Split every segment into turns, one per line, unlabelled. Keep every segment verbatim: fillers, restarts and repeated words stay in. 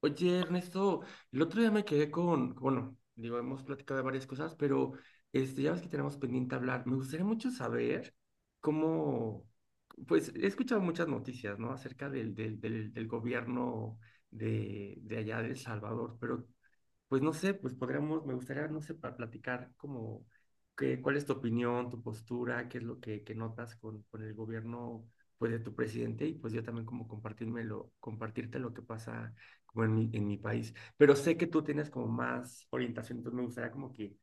Oye, Ernesto, el otro día me quedé con, bueno, digo, hemos platicado de varias cosas, pero este, ya ves que tenemos pendiente hablar. Me gustaría mucho saber cómo, pues he escuchado muchas noticias, ¿no? Acerca del, del, del, del gobierno de, de allá de El Salvador, pero pues no sé, pues podríamos, me gustaría, no sé, para platicar como que, cuál es tu opinión, tu postura, qué es lo que, que notas con, con el gobierno pues de tu presidente y pues yo también como compartírmelo, compartirte lo que pasa como en mi, en mi país. Pero sé que tú tienes como más orientación, entonces me gustaría como que,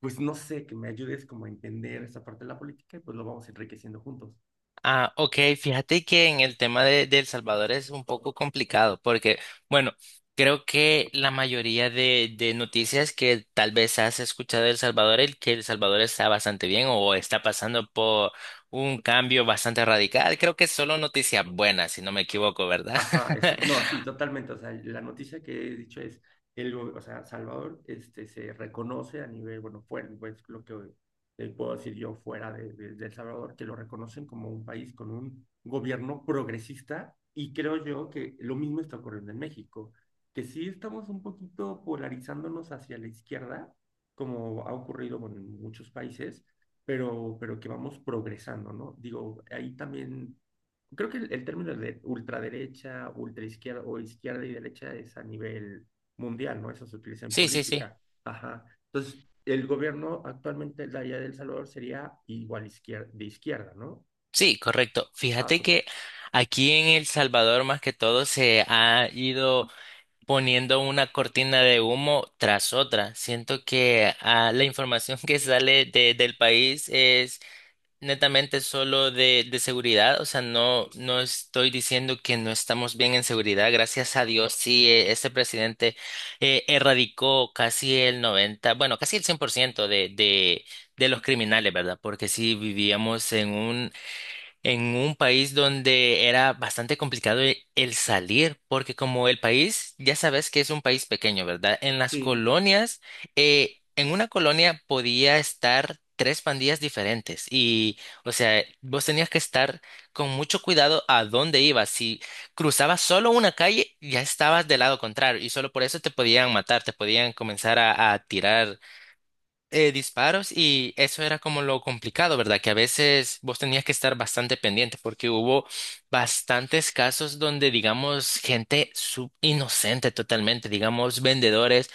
pues no sé, que me ayudes como a entender esa parte de la política y pues lo vamos enriqueciendo juntos.
Ah, ok, fíjate que en el tema de, de El Salvador es un poco complicado porque, bueno, creo que la mayoría de, de noticias que tal vez has escuchado de El Salvador, el que El Salvador está bastante bien o está pasando por un cambio bastante radical, creo que solo noticias buenas, si no me equivoco, ¿verdad?
Ajá, es, no, sí, totalmente. O sea, la noticia que he dicho es, el, go- o sea, Salvador este, se reconoce a nivel, bueno, fuera, pues lo que eh, puedo decir yo fuera de, de- de El Salvador, que lo reconocen como un país con un gobierno progresista y creo yo que lo mismo está ocurriendo en México, que sí estamos un poquito polarizándonos hacia la izquierda, como ha ocurrido, bueno, en muchos países, pero, pero que vamos progresando, ¿no? Digo, ahí también creo que el, el término de ultraderecha, ultraizquierda o izquierda y derecha es a nivel mundial, ¿no? Eso se utiliza en
Sí, sí, sí.
política. Ajá. Entonces, el gobierno actualmente de allá de El Salvador sería igual izquierda, de izquierda, ¿no?
Sí, correcto.
Ah,
Fíjate
súper.
que aquí en El Salvador más que todo se ha ido poniendo una cortina de humo tras otra. Siento que ah, la información que sale de- del país es netamente solo de, de seguridad. O sea, no, no estoy diciendo que no estamos bien en seguridad. Gracias a Dios, sí, eh, este presidente eh, erradicó casi el noventa, bueno, casi el cien por ciento de, de, de los criminales, ¿verdad? Porque sí vivíamos en un en un país donde era bastante complicado e- el salir, porque como el país, ya sabes que es un país pequeño, ¿verdad? En las
Sí,
colonias, eh, en una colonia podía estar tres pandillas diferentes y, o sea, vos tenías que estar con mucho cuidado a dónde ibas. Si cruzabas solo una calle, ya estabas del lado contrario y solo por eso te podían matar, te podían comenzar a, a tirar eh, disparos y eso era como lo complicado, ¿verdad? Que a veces vos tenías que estar bastante pendiente porque hubo bastantes casos donde, digamos, gente sub- inocente totalmente, digamos, vendedores.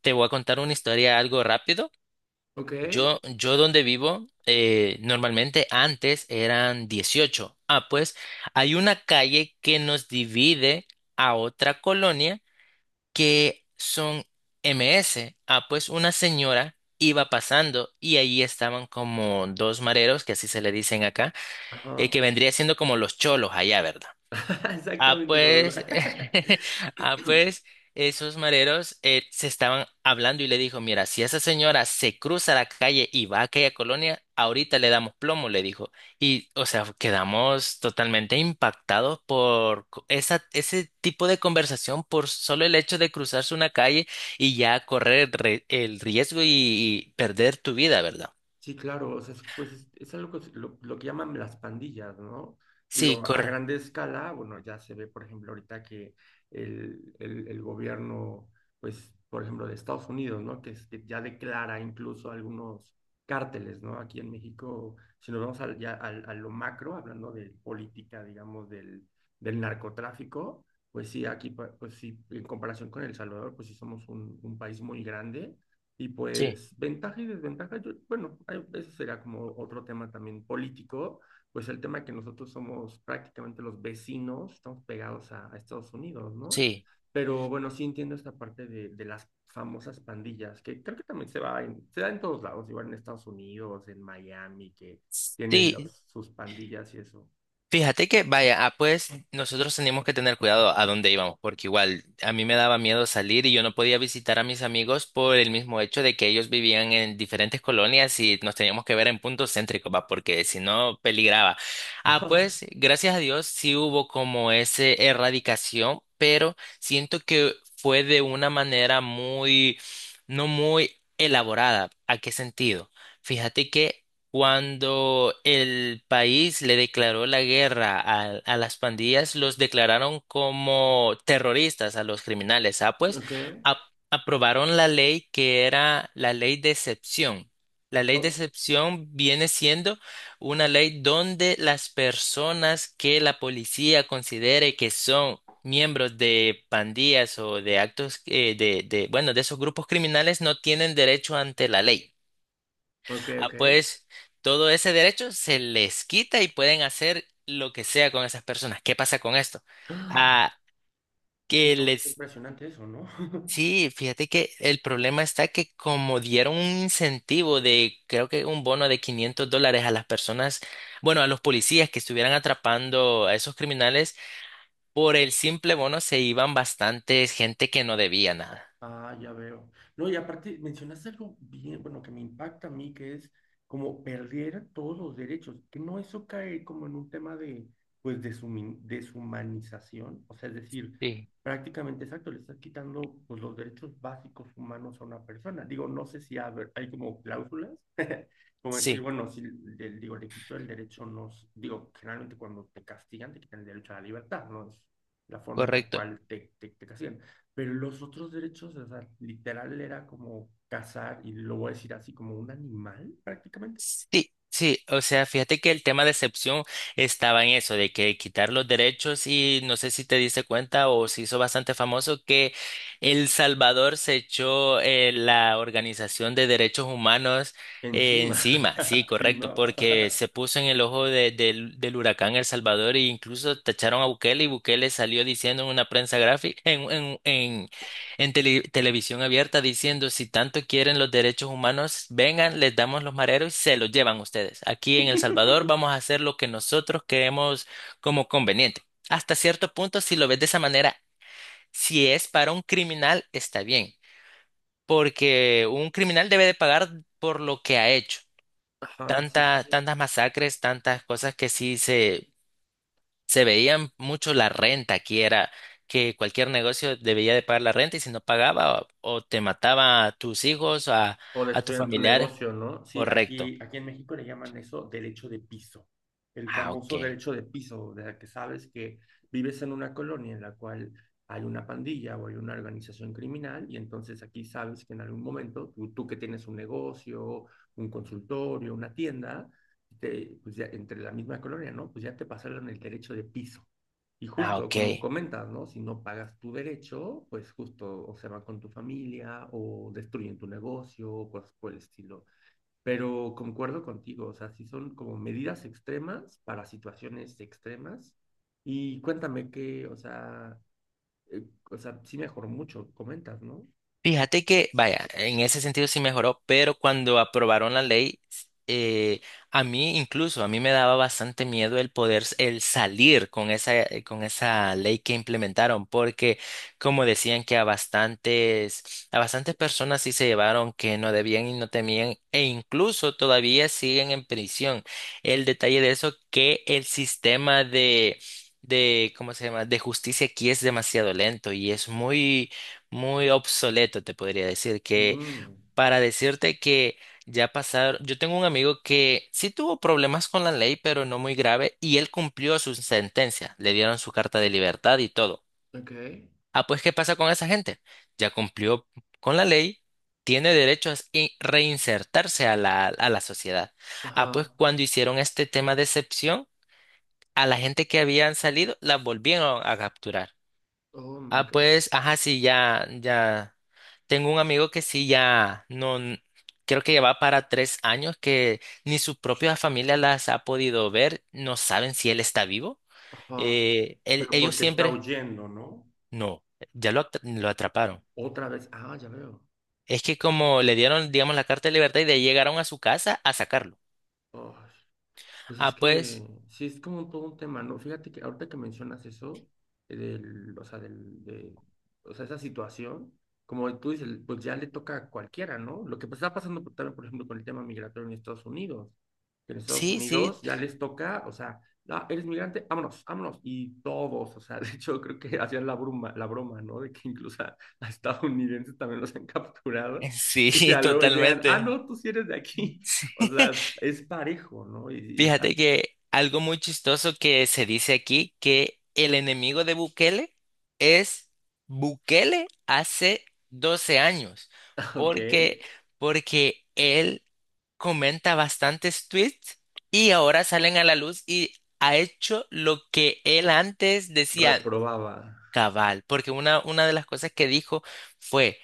Te voy a contar una historia algo rápido.
ok.
Yo, yo donde vivo, eh, normalmente antes eran dieciocho. Ah, pues hay una calle que nos divide a otra colonia que son M S. Ah, pues una señora iba pasando y ahí estaban como dos mareros, que así se le dicen acá, eh,
Ajá.
que vendría siendo como los cholos allá, ¿verdad? Ah,
Exactamente como lo-
pues, ah, pues, esos mareros eh, se estaban hablando y le dijo, mira, si esa señora se cruza la calle y va a aquella colonia, ahorita le damos plomo, le dijo. Y, o sea, quedamos totalmente impactados por co- esa, ese tipo de conversación, por solo el hecho de cruzarse una calle y ya correr re- el riesgo y, y perder tu vida, ¿verdad?
Sí, claro, o sea, es, pues es, es algo que, se- lo, lo que llaman las pandillas, ¿no?
Sí,
Digo, a
corre.
grande escala, bueno, ya se ve, por ejemplo, ahorita que el, el, el gobierno, pues, por ejemplo, de Estados Unidos, ¿no? Que, es- que ya declara incluso algunos cárteles, ¿no? Aquí en México, si nos vamos al, ya al- a lo macro, hablando de política, digamos, del, del narcotráfico, pues sí, aquí, pa- pues sí, en comparación con El Salvador, pues sí somos un, un país muy grande y
Sí,
pues ventaja y desventaja, yo- bueno, hay- ese será como otro tema también político, pues el tema que nosotros somos prácticamente los vecinos, estamos pegados a, a Estados Unidos, ¿no?
sí.
Pero bueno, sí entiendo esta parte de, de las famosas pandillas, que creo que también se va en- se da en todos lados, igual en Estados Unidos, en Miami, que tienen
Sí,
los- sus pandillas y eso.
fíjate que, vaya, ah, pues nosotros teníamos que tener cuidado a dónde íbamos, porque igual a mí me daba miedo salir y yo no podía visitar a mis amigos por el mismo hecho de que ellos vivían en diferentes colonias y nos teníamos que ver en puntos céntricos, va, porque si no peligraba. Ah, pues gracias a Dios sí hubo como ese erradicación, pero siento que fue de una manera muy, no muy elaborada. ¿A qué sentido? Fíjate que cuando el país le declaró la guerra a, a las pandillas, los declararon como terroristas a los criminales. Ah, pues
Ok.
ap- aprobaron la ley que era la ley de excepción. La ley de
Oh,
excepción viene siendo una ley donde las personas que la policía considere que son miembros de pandillas o de actos eh, de, de, bueno, de esos grupos criminales no tienen derecho ante la ley.
ok,
Ah,
ok.
pues todo ese derecho se les quita y pueden hacer lo que sea con esas personas. ¿Qué pasa con esto?
Ah,
Ah,
sí,
que
no, es
les...
impresionante eso, ¿no?
Sí, fíjate que el problema está que como dieron un incentivo de, creo que un bono de quinientos dólares a las personas, bueno, a los policías que estuvieran atrapando a esos criminales, por el simple bono se iban bastantes gente que no debía nada.
Ah, ya veo. No, y aparte mencionaste algo bien, bueno, que me impacta a mí, que es como perder todos los derechos, que no eso cae como en un tema de, pues, de deshumanización, o sea, es decir,
Sí,
prácticamente exacto, le estás quitando, pues, los derechos básicos humanos a una persona. Digo, no sé si haber- hay como cláusulas, como decir,
sí,
bueno, si le, digo, le quito el derecho, no, s- digo, generalmente cuando te castigan, te quitan el derecho a la libertad, no es la forma en la
correcto.
cual te, te, te castigan pero los otros derechos, o sea, literal era como cazar, y lo voy a decir así, como un animal prácticamente.
Sí, sí, o sea, fíjate que el tema de excepción estaba en eso, de que quitar los derechos y no sé si te diste cuenta o se hizo bastante famoso que El Salvador se echó eh, la Organización de Derechos Humanos eh,
Encima.
encima, sí,
Sí,
correcto,
¿no?
porque se puso en el ojo de- del del huracán El Salvador e incluso tacharon a Bukele y Bukele salió diciendo en una prensa gráfica, en tele- televisión abierta diciendo si tanto quieren los derechos humanos, vengan, les damos los mareros y se los llevan ustedes. Aquí en El Salvador vamos a hacer lo que nosotros creemos como conveniente. Hasta cierto punto, si lo ves de esa manera, si es para un criminal, está bien, porque un criminal debe de pagar por lo que ha hecho.
Ajá, sí, sí,
Tanta,
sí.
tantas masacres, tantas cosas que sí se, se veían mucho la renta, aquí era que cualquier negocio debía de pagar la renta y si no pagaba o, o te mataba a tus hijos, a,
O
a tus
destruyen tu
familiares.
negocio, ¿no? Sí,
Correcto.
aquí, aquí en México le llaman eso derecho de piso, el
Ah, ok.
famoso derecho de piso, de la que sabes que vives en una colonia en la cual hay una pandilla o hay una organización criminal y entonces aquí sabes que en algún momento tú, tú que tienes un negocio, un consultorio, una tienda, te- pues ya entre la misma colonia, ¿no? Pues ya te pasaron el derecho de piso. Y
Ah,
justo,
ok.
como comentas, ¿no? Si no pagas tu derecho, pues justo o se van con tu familia o destruyen tu negocio o cosas por el estilo. Pero concuerdo contigo, o sea, sí son como medidas extremas para situaciones extremas. Y cuéntame que, o sea, eh, o sea, sí mejoró mucho, comentas, ¿no?
Fíjate que, vaya, en ese sentido sí mejoró, pero cuando aprobaron la ley, eh, a mí incluso, a mí me daba bastante miedo el poder, s- el salir con esa, eh, con esa ley que implementaron, porque como decían que a bastantes, a bastantes personas sí se llevaron que no debían y no temían, e incluso todavía siguen en prisión. El detalle de eso, que el sistema de... de, ¿cómo se llama? De justicia aquí es demasiado lento y es muy, muy obsoleto, te podría decir, que
Mm,
para decirte que ya pasaron, yo tengo un amigo que sí tuvo problemas con la ley, pero no muy grave, y él cumplió su sentencia, le dieron su carta de libertad y todo.
ok.
Ah, pues, ¿qué pasa con esa gente? Ya cumplió con la ley, tiene derecho a in- reinsertarse a la, a la sociedad. Ah, pues,
Ajá.
cuando hicieron este tema de excepción, a la gente que habían salido, la volvieron a capturar.
Oh my
Ah,
gosh.
pues, ajá, sí, ya, ya. Tengo un amigo que sí, ya, no, n- creo que ya va para tres años que ni su propia familia las ha podido ver, no saben si él está vivo.
Ajá.
Eh, él-
Pero
ellos
porque está
siempre,
huyendo, ¿no?
no, ya lo, atra- lo atraparon.
Otra vez, ah, ya veo.
Es que como le dieron, digamos, la carta de libertad y de ahí llegaron a su casa a sacarlo.
Oh. Pues es
Ah,
que
pues,
sí es como todo un tema, ¿no? Fíjate que ahorita que mencionas eso, eh, del, o sea, del, de, o sea, esa situación, como tú dices, pues ya le toca a cualquiera, ¿no? Lo que pues está pasando por- también, por ejemplo, con el tema migratorio en Estados Unidos, que en Estados
sí, sí,
Unidos ya les toca, o sea, ah, eres migrante, vámonos, vámonos, y todos, o sea, de hecho creo que hacían la broma, la broma, ¿no? De que incluso a, a estadounidenses también los han capturado, y
sí,
ya luego llegan, ah,
totalmente.
no, tú sí eres de aquí. O sea, es parejo, ¿no? Y, y está.
Fíjate que algo muy chistoso que se dice aquí, que el enemigo de Bukele es Bukele hace doce años,
Ok,
porque, porque él comenta bastantes tweets y ahora salen a la luz y ha hecho lo que él antes decía
reprobaba.
cabal, porque una, una de las cosas que dijo fue...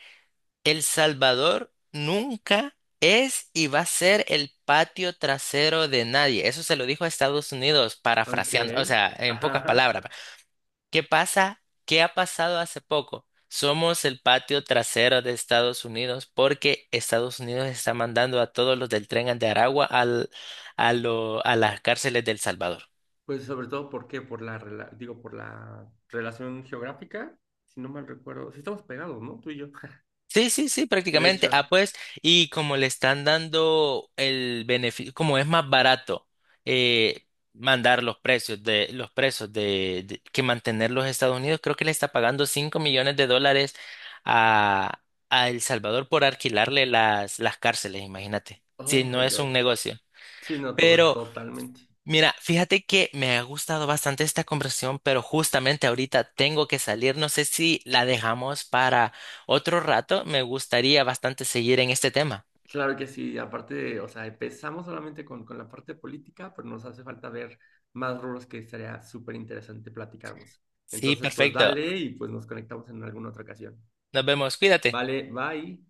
El Salvador nunca es y va a ser el patio trasero de nadie. Eso se lo dijo a Estados Unidos,
Ok,
parafraseando, o sea, en
ajá,
pocas
ajá.
palabras. ¿Qué pasa? ¿Qué ha pasado hace poco? Somos el patio trasero de Estados Unidos porque Estados Unidos está mandando a todos los del tren de Aragua al, a, lo- a las cárceles del Salvador.
Pues sobre todo, ¿por qué? Por la, rela- digo, por la relación geográfica, si no mal recuerdo. Sí estamos pegados, ¿no? Tú y yo.
Sí, sí, sí,
De
prácticamente.
hecho,
Ah, pues, y como le están dando el beneficio, como es más barato eh, mandar los precios de los presos de, de- que mantener los Estados Unidos, creo que le está pagando cinco millones de dólares a, a El Salvador por alquilarle las, las cárceles, imagínate.
oh
Si no
my
es un
gosh.
negocio.
Sí, no, todo es totalmente.
Mira, fíjate que me ha gustado bastante esta conversación, pero justamente ahorita tengo que salir. No sé si la dejamos para otro rato. Me gustaría bastante seguir en este tema.
Claro que sí, aparte, de- o sea, empezamos solamente con, con la parte política, pero nos hace falta ver más rubros que estaría súper interesante platicarnos.
Sí,
Entonces, pues
perfecto.
dale y pues nos conectamos en alguna otra ocasión.
Nos vemos. Cuídate.
Vale, bye.